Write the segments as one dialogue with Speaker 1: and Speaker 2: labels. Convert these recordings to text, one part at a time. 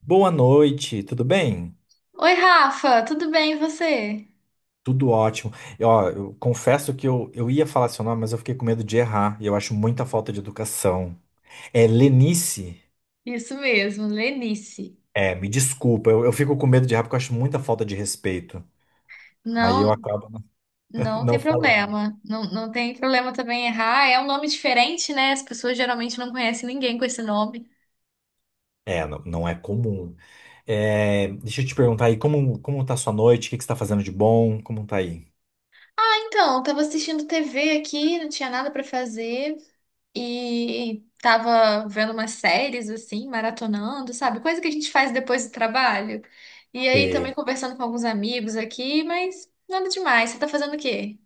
Speaker 1: Boa noite, tudo bem?
Speaker 2: Oi, Rafa, tudo bem e você?
Speaker 1: Tudo ótimo. E, ó, eu confesso que eu ia falar seu nome, mas eu fiquei com medo de errar. E eu acho muita falta de educação. É Lenice?
Speaker 2: Isso mesmo, Lenice.
Speaker 1: É, me desculpa, eu fico com medo de errar porque eu acho muita falta de respeito. Aí
Speaker 2: Não,
Speaker 1: eu acabo
Speaker 2: não
Speaker 1: não
Speaker 2: tem
Speaker 1: falando.
Speaker 2: problema. Não, não tem problema também errar. É um nome diferente, né? As pessoas geralmente não conhecem ninguém com esse nome.
Speaker 1: É, não, não é comum. É, deixa eu te perguntar aí, como, como tá a sua noite? O que que você tá fazendo de bom? Como tá aí?
Speaker 2: Então, eu tava assistindo TV aqui, não tinha nada pra fazer e tava vendo umas séries assim, maratonando, sabe? Coisa que a gente faz depois do trabalho. E aí também conversando com alguns amigos aqui, mas nada demais. Você tá fazendo o quê?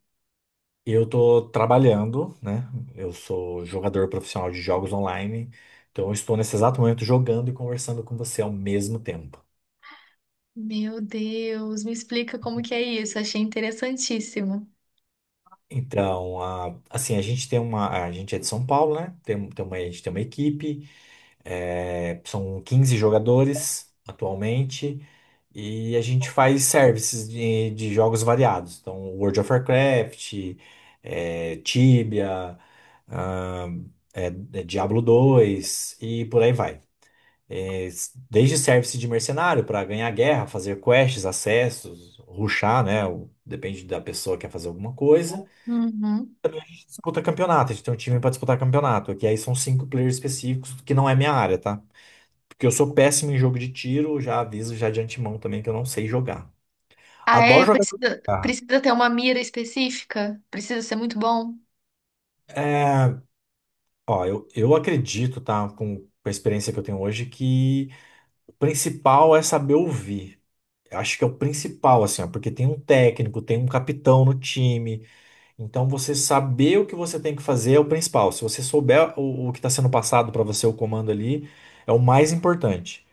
Speaker 1: Eu tô trabalhando, né? Eu sou jogador profissional de jogos online, então eu estou nesse exato momento jogando e conversando com você ao mesmo tempo.
Speaker 2: Meu Deus, me explica como que é isso. Achei interessantíssimo.
Speaker 1: Então, assim, a gente tem uma. A gente é de São Paulo, né? A gente tem uma equipe, são 15 jogadores atualmente, e a gente faz services de jogos variados. Então, World of Warcraft, Tibia, ah, é, é Diablo 2 e por aí vai. É, desde service de mercenário para ganhar guerra, fazer quests, acessos, rushar, né? Depende da pessoa que quer fazer alguma coisa.
Speaker 2: Uhum.
Speaker 1: Disputa campeonato, a gente tem um time para disputar campeonato, que aí são cinco players específicos, que não é minha área, tá? Porque eu sou péssimo em jogo de tiro, já aviso já de antemão também que eu não sei jogar.
Speaker 2: Ah,
Speaker 1: Adoro
Speaker 2: é?
Speaker 1: jogar com
Speaker 2: Precisa,
Speaker 1: guitarra.
Speaker 2: precisa ter uma mira específica? Precisa ser muito bom?
Speaker 1: É, ó, eu acredito, tá? Com a experiência que eu tenho hoje, que o principal é saber ouvir. Acho que é o principal, assim, ó, porque tem um técnico, tem um capitão no time. Então, você saber o que você tem que fazer é o principal. Se você souber o que está sendo passado para você, o comando ali, é o mais importante.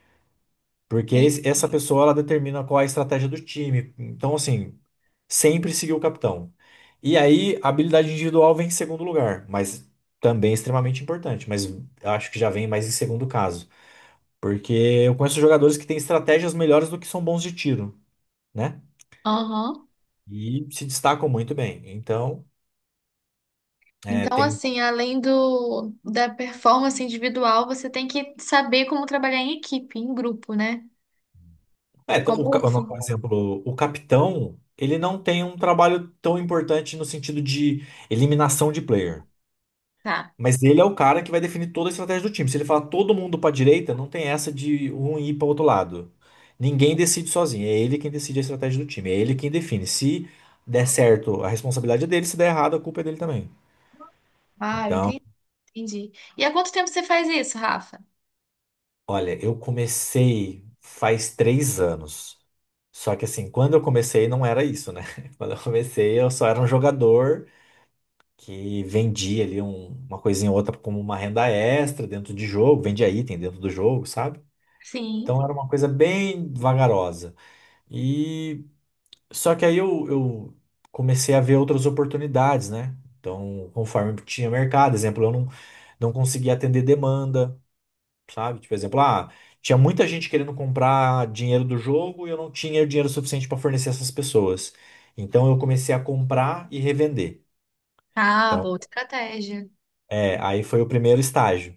Speaker 1: Porque
Speaker 2: Sim.
Speaker 1: essa pessoa, ela determina qual é a estratégia do time. Então, assim, sempre seguir o capitão. E aí, a habilidade individual vem em segundo lugar, mas também é extremamente importante. Mas acho que já vem mais em segundo caso. Porque eu conheço jogadores que têm estratégias melhores do que são bons de tiro. Né?
Speaker 2: Aham.
Speaker 1: E se destacam muito bem. Então, é,
Speaker 2: Então,
Speaker 1: tem.
Speaker 2: assim, além do da performance individual, você tem que saber como trabalhar em equipe, em grupo, né? Como...
Speaker 1: Não,
Speaker 2: Sim.
Speaker 1: por exemplo, o capitão, ele não tem um trabalho tão importante no sentido de eliminação de player.
Speaker 2: Tá.
Speaker 1: Mas ele é o cara que vai definir toda a estratégia do time. Se ele falar todo mundo para direita, não tem essa de um ir para outro lado. Ninguém decide sozinho. É ele quem decide a estratégia do time. É ele quem define. Se der certo, a responsabilidade é dele. Se der errado, a culpa é dele também.
Speaker 2: Ah,
Speaker 1: Então,
Speaker 2: entendi. Entendi. E há quanto tempo você faz isso, Rafa?
Speaker 1: olha, eu comecei faz 3 anos. Só que assim, quando eu comecei não era isso, né? Quando eu comecei, eu só era um jogador que vendia ali uma coisinha ou outra como uma renda extra dentro de jogo, vendia item dentro do jogo, sabe?
Speaker 2: Sim.
Speaker 1: Então era uma coisa bem vagarosa. E só que aí eu comecei a ver outras oportunidades, né? Então, conforme tinha mercado, exemplo, eu não, não conseguia atender demanda. Sabe? Tipo, exemplo, tinha muita gente querendo comprar dinheiro do jogo e eu não tinha dinheiro suficiente para fornecer essas pessoas. Então eu comecei a comprar e revender.
Speaker 2: Ah,
Speaker 1: Então,
Speaker 2: boa estratégia.
Speaker 1: é, aí foi o primeiro estágio.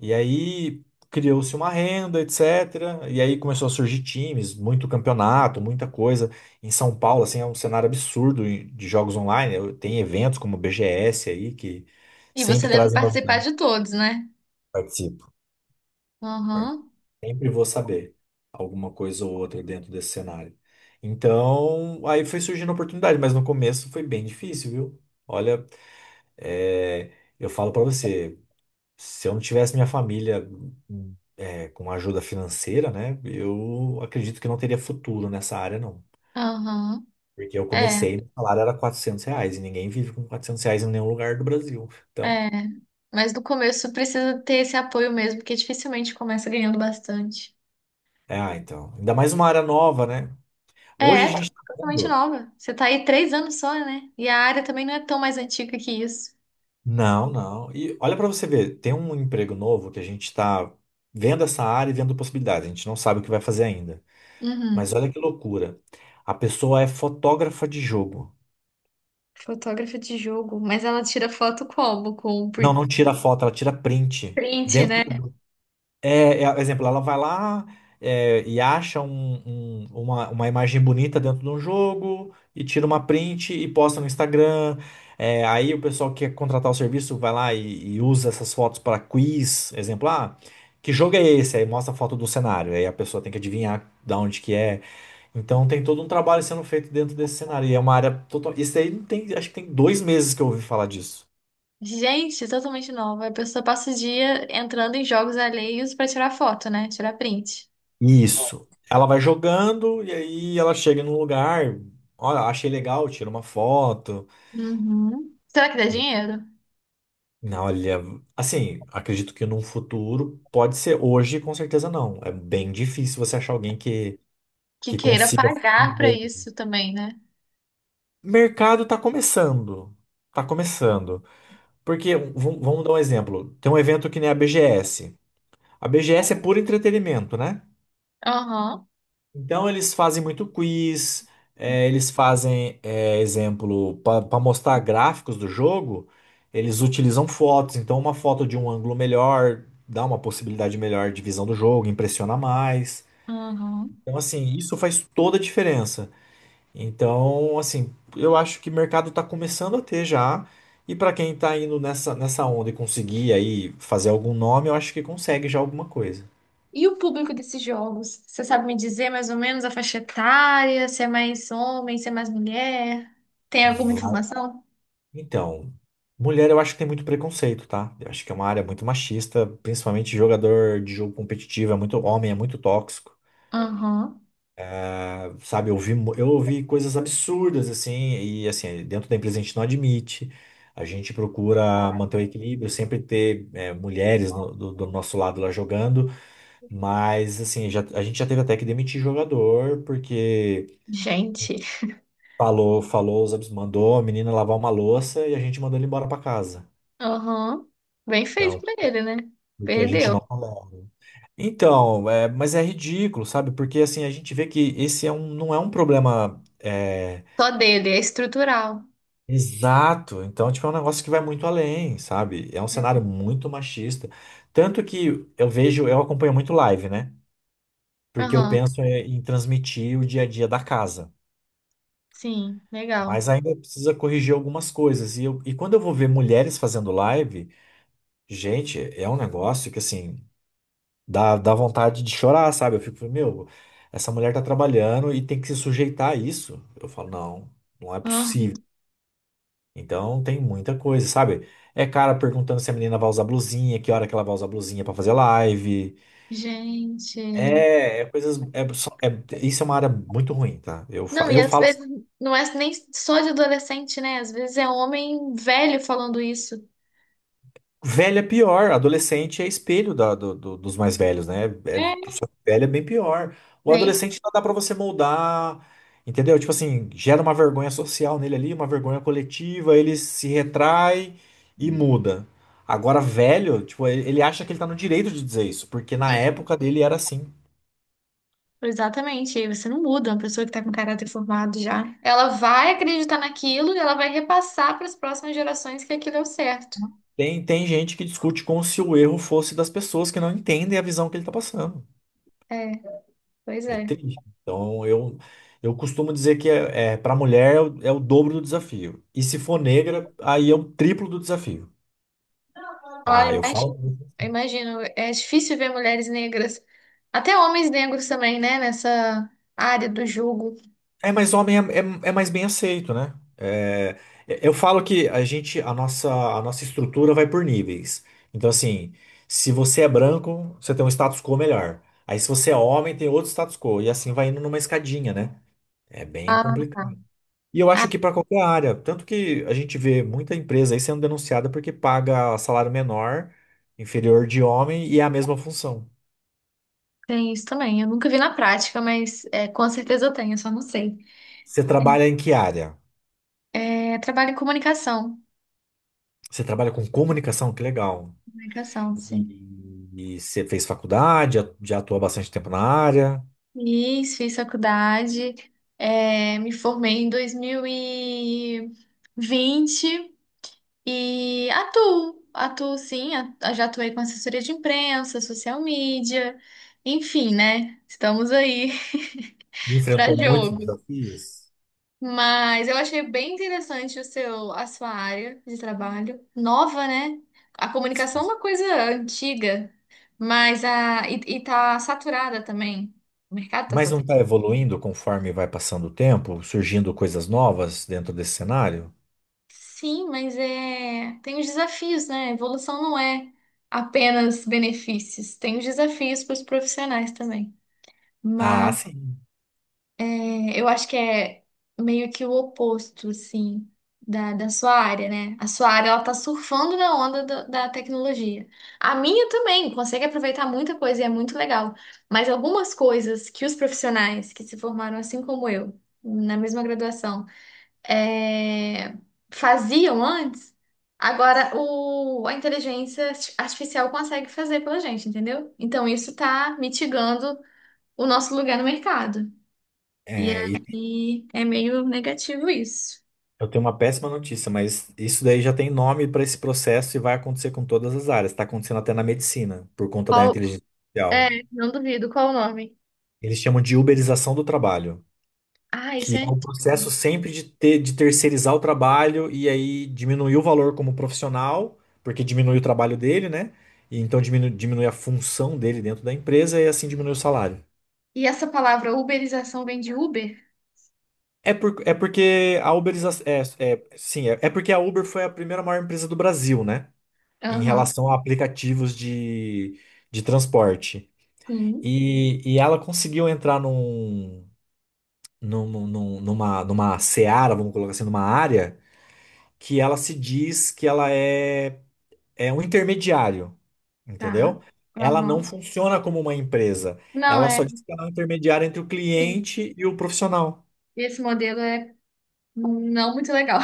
Speaker 1: E aí criou-se uma renda, etc. E aí começou a surgir times, muito campeonato, muita coisa. Em São Paulo, assim, é um cenário absurdo de jogos online. Tem eventos como o BGS aí que
Speaker 2: E você
Speaker 1: sempre
Speaker 2: deve
Speaker 1: trazem
Speaker 2: participar
Speaker 1: novidade.
Speaker 2: de todos, né?
Speaker 1: Participo.
Speaker 2: Aham,
Speaker 1: Sempre vou saber alguma coisa ou outra dentro desse cenário. Então, aí foi surgindo a oportunidade, mas no começo foi bem difícil, viu? Olha, é, eu falo pra você, se eu não tivesse minha família com ajuda financeira, né, eu acredito que não teria futuro nessa área, não.
Speaker 2: aham.
Speaker 1: Porque eu
Speaker 2: É,
Speaker 1: comecei, o salário era R$ 400 e ninguém vive com R$ 400 em nenhum lugar do Brasil. Então,
Speaker 2: é. Mas no começo precisa ter esse apoio mesmo, porque dificilmente começa ganhando bastante.
Speaker 1: então, ainda mais uma área nova, né?
Speaker 2: É,
Speaker 1: Hoje a
Speaker 2: é
Speaker 1: gente tá
Speaker 2: totalmente
Speaker 1: vendo.
Speaker 2: nova. Você tá aí três anos só, né? E a área também não é tão mais antiga que isso.
Speaker 1: Não, não. E olha para você ver, tem um emprego novo que a gente está vendo essa área e vendo possibilidades. A gente não sabe o que vai fazer ainda.
Speaker 2: Uhum.
Speaker 1: Mas olha que loucura. A pessoa é fotógrafa de jogo.
Speaker 2: Fotógrafa de jogo. Mas ela tira foto como? Com
Speaker 1: Não,
Speaker 2: print,
Speaker 1: não tira foto, ela tira print.
Speaker 2: print,
Speaker 1: Dentro do
Speaker 2: né?
Speaker 1: jogo. É, é, exemplo, ela vai lá e acha uma imagem bonita dentro de um jogo e tira uma print e posta no Instagram. É, aí o pessoal que quer contratar o serviço vai lá e usa essas fotos para quiz. Exemplo, que jogo é esse? Aí mostra a foto do cenário. Aí a pessoa tem que adivinhar de onde que é. Então tem todo um trabalho sendo feito dentro desse cenário. E é uma área total. Isso aí não tem, acho que tem 2 meses que eu ouvi falar disso.
Speaker 2: Gente, totalmente nova. A pessoa passa o dia entrando em jogos alheios pra tirar foto, né? Tirar print.
Speaker 1: Isso. Ela vai jogando e aí ela chega num lugar, olha, achei legal, tira uma foto.
Speaker 2: Uhum. Será que dá
Speaker 1: E,
Speaker 2: dinheiro?
Speaker 1: não, olha, assim, acredito que num futuro pode ser hoje, com certeza não. É bem difícil você achar alguém
Speaker 2: Que
Speaker 1: que
Speaker 2: queira
Speaker 1: consiga
Speaker 2: pagar pra
Speaker 1: viver.
Speaker 2: isso também, né?
Speaker 1: Mercado tá começando. Tá começando. Porque, vamos dar um exemplo. Tem um evento que nem a BGS. A BGS é puro entretenimento, né?
Speaker 2: Aham.
Speaker 1: Então eles fazem muito quiz, eles fazem, exemplo, para mostrar gráficos do jogo, eles utilizam fotos, então uma foto de um ângulo melhor dá uma possibilidade melhor de visão do jogo, impressiona mais.
Speaker 2: Aham.
Speaker 1: Então, assim, isso faz toda a diferença. Então, assim, eu acho que o mercado está começando a ter já, e para quem está indo nessa onda e conseguir aí fazer algum nome, eu acho que consegue já alguma coisa.
Speaker 2: E o público desses jogos? Você sabe me dizer mais ou menos a faixa etária? Se é mais homem, se é mais mulher? Tem alguma informação?
Speaker 1: Então, mulher eu acho que tem muito preconceito, tá? Eu acho que é uma área muito machista, principalmente jogador de jogo competitivo, é muito homem, é muito tóxico.
Speaker 2: Aham.
Speaker 1: Sabe, eu ouvi coisas absurdas, assim, e assim, dentro da empresa a gente não admite. A gente procura manter o equilíbrio, sempre ter mulheres do nosso lado lá jogando, mas assim, já, a gente já teve até que demitir jogador, porque
Speaker 2: Gente.
Speaker 1: mandou a menina lavar uma louça e a gente mandou ele embora pra casa.
Speaker 2: Aham. Bem feito
Speaker 1: Então,
Speaker 2: pra ele, né?
Speaker 1: porque a gente
Speaker 2: Perdeu.
Speaker 1: não. Então, é, mas é ridículo, sabe? Porque assim, a gente vê que esse é um, não é um problema
Speaker 2: Só dele, é estrutural.
Speaker 1: exato. Então, tipo, é um negócio que vai muito além, sabe? É um cenário muito machista. Tanto que eu vejo, eu acompanho muito live, né? Porque eu
Speaker 2: Aham.
Speaker 1: penso em transmitir o dia a dia da casa.
Speaker 2: Sim, legal.
Speaker 1: Mas ainda precisa corrigir algumas coisas. E quando eu vou ver mulheres fazendo live, gente, é um negócio que assim. Dá vontade de chorar, sabe? Eu fico, meu, essa mulher tá trabalhando e tem que se sujeitar a isso. Eu falo, não, não é
Speaker 2: Aham.
Speaker 1: possível. Então tem muita coisa, sabe? É cara perguntando se a menina vai usar blusinha, que hora que ela vai usar blusinha pra fazer live.
Speaker 2: Gente.
Speaker 1: É, é coisas. É, só- é- isso é uma área muito ruim, tá?
Speaker 2: Não, e
Speaker 1: Eu
Speaker 2: às
Speaker 1: falo, assim,
Speaker 2: vezes não é nem só de adolescente, né? Às vezes é homem velho falando isso.
Speaker 1: velho é pior, adolescente é espelho dos mais velhos, né? É
Speaker 2: É.
Speaker 1: velho é bem pior. O
Speaker 2: Bem.
Speaker 1: adolescente ainda dá pra você moldar, entendeu? Tipo assim, gera uma vergonha social nele ali, uma vergonha coletiva, ele se retrai e muda. Agora, velho, tipo, ele acha que ele tá no direito de dizer isso, porque na época dele era assim.
Speaker 2: Exatamente, e aí você não muda, uma pessoa que está com caráter formado já. Ela vai acreditar naquilo e ela vai repassar para as próximas gerações que aquilo é o certo.
Speaker 1: Tem, tem gente que discute como se o erro fosse das pessoas que não entendem a visão que ele tá passando.
Speaker 2: É, pois
Speaker 1: É
Speaker 2: é.
Speaker 1: triste. Então, eu costumo dizer que para mulher é é o dobro do desafio. E se for negra, aí é o triplo do desafio.
Speaker 2: Olha,
Speaker 1: Tá, eu
Speaker 2: imagino,
Speaker 1: falo.
Speaker 2: imagino, é difícil ver mulheres negras, até homens negros também, né, nessa área do jogo.
Speaker 1: Mas homem é, é mais bem aceito, né? É, eu falo que a nossa estrutura vai por níveis. Então, assim, se você é branco, você tem um status quo melhor. Aí, se você é homem, tem outro status quo. E assim vai indo numa escadinha, né? É bem
Speaker 2: Ah, tá.
Speaker 1: complicado. E eu
Speaker 2: Ah,
Speaker 1: acho que para qualquer área, tanto que a gente vê muita empresa aí sendo denunciada porque paga salário menor, inferior de homem e é a mesma função.
Speaker 2: tem isso também. Eu nunca vi na prática, mas é, com certeza eu tenho, eu só não sei.
Speaker 1: Você trabalha em que área?
Speaker 2: É, é trabalho em comunicação.
Speaker 1: Você trabalha com comunicação? Que legal.
Speaker 2: Comunicação, sim.
Speaker 1: E você fez faculdade, já atuou há bastante tempo na área,
Speaker 2: Fiz faculdade, me formei em 2020 e vinte e atuo sim, já atuei com assessoria de imprensa, social media, enfim, né? Estamos aí para
Speaker 1: enfrentou muitos
Speaker 2: jogo.
Speaker 1: desafios,
Speaker 2: Mas eu achei bem interessante o seu, a sua área de trabalho, nova, né? A comunicação é uma coisa antiga, mas a, e tá saturada também. O mercado tá
Speaker 1: mas não está evoluindo conforme vai passando o tempo, surgindo coisas novas dentro desse cenário?
Speaker 2: Sim, mas é... tem os desafios, né? A evolução não é apenas benefícios, tem os desafios para os profissionais também.
Speaker 1: Ah,
Speaker 2: Mas
Speaker 1: sim.
Speaker 2: é, eu acho que é meio que o oposto, assim, da sua área, né? A sua área, ela tá surfando na onda da tecnologia. A minha também consegue aproveitar muita coisa e é muito legal. Mas algumas coisas que os profissionais que se formaram assim como eu, na mesma graduação, é, faziam antes, agora o, a inteligência artificial consegue fazer pela gente, entendeu? Então isso está mitigando o nosso lugar no mercado. E
Speaker 1: E
Speaker 2: aí é meio negativo isso.
Speaker 1: eu tenho uma péssima notícia, mas isso daí já tem nome para esse processo e vai acontecer com todas as áreas. Está acontecendo até na medicina, por conta da
Speaker 2: Qual,
Speaker 1: inteligência
Speaker 2: é,
Speaker 1: artificial.
Speaker 2: não duvido, qual o nome?
Speaker 1: Eles chamam de uberização do trabalho.
Speaker 2: Ah, isso
Speaker 1: Que
Speaker 2: é.
Speaker 1: é o processo sempre de terceirizar o trabalho e aí diminuir o valor como profissional, porque diminui o trabalho dele, né? E então diminui a função dele dentro da empresa e assim diminui o salário.
Speaker 2: E essa palavra uberização vem de Uber?
Speaker 1: É, por, é porque a Uber, é, é, sim, é, é porque a Uber foi a primeira maior empresa do Brasil, né? Em
Speaker 2: Aham,
Speaker 1: relação a aplicativos de transporte.
Speaker 2: sim,
Speaker 1: E ela conseguiu entrar numa seara, vamos colocar assim, numa área que ela se diz é um intermediário,
Speaker 2: tá.
Speaker 1: entendeu? Ela não
Speaker 2: Aham.
Speaker 1: funciona como uma empresa.
Speaker 2: Não,
Speaker 1: Ela
Speaker 2: é.
Speaker 1: só diz que ela é um intermediário entre o
Speaker 2: Sim.
Speaker 1: cliente e o profissional.
Speaker 2: Esse modelo é não muito legal.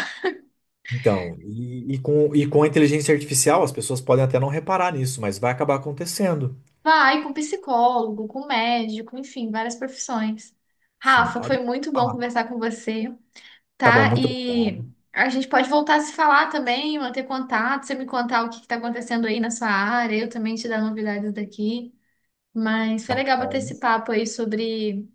Speaker 1: Então, e com a inteligência artificial, as pessoas podem até não reparar nisso, mas vai acabar acontecendo.
Speaker 2: Vai com psicólogo, com médico, enfim, várias profissões.
Speaker 1: Sim,
Speaker 2: Rafa,
Speaker 1: ó,
Speaker 2: foi
Speaker 1: deixa eu
Speaker 2: muito bom
Speaker 1: falar.
Speaker 2: conversar com você,
Speaker 1: Tá bom,
Speaker 2: tá?
Speaker 1: muito
Speaker 2: E
Speaker 1: obrigado.
Speaker 2: a gente pode voltar a se falar também, manter contato, você me contar o que está acontecendo aí na sua área, eu também te dar novidades daqui. Mas foi
Speaker 1: Tá
Speaker 2: legal bater
Speaker 1: bom.
Speaker 2: esse papo aí sobre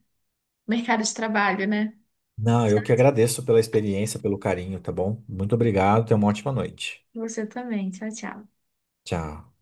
Speaker 2: mercado de trabalho, né?
Speaker 1: Não, eu que agradeço pela experiência, pelo carinho, tá bom? Muito obrigado, tenha uma ótima noite.
Speaker 2: Você também. Tchau, tchau.
Speaker 1: Tchau.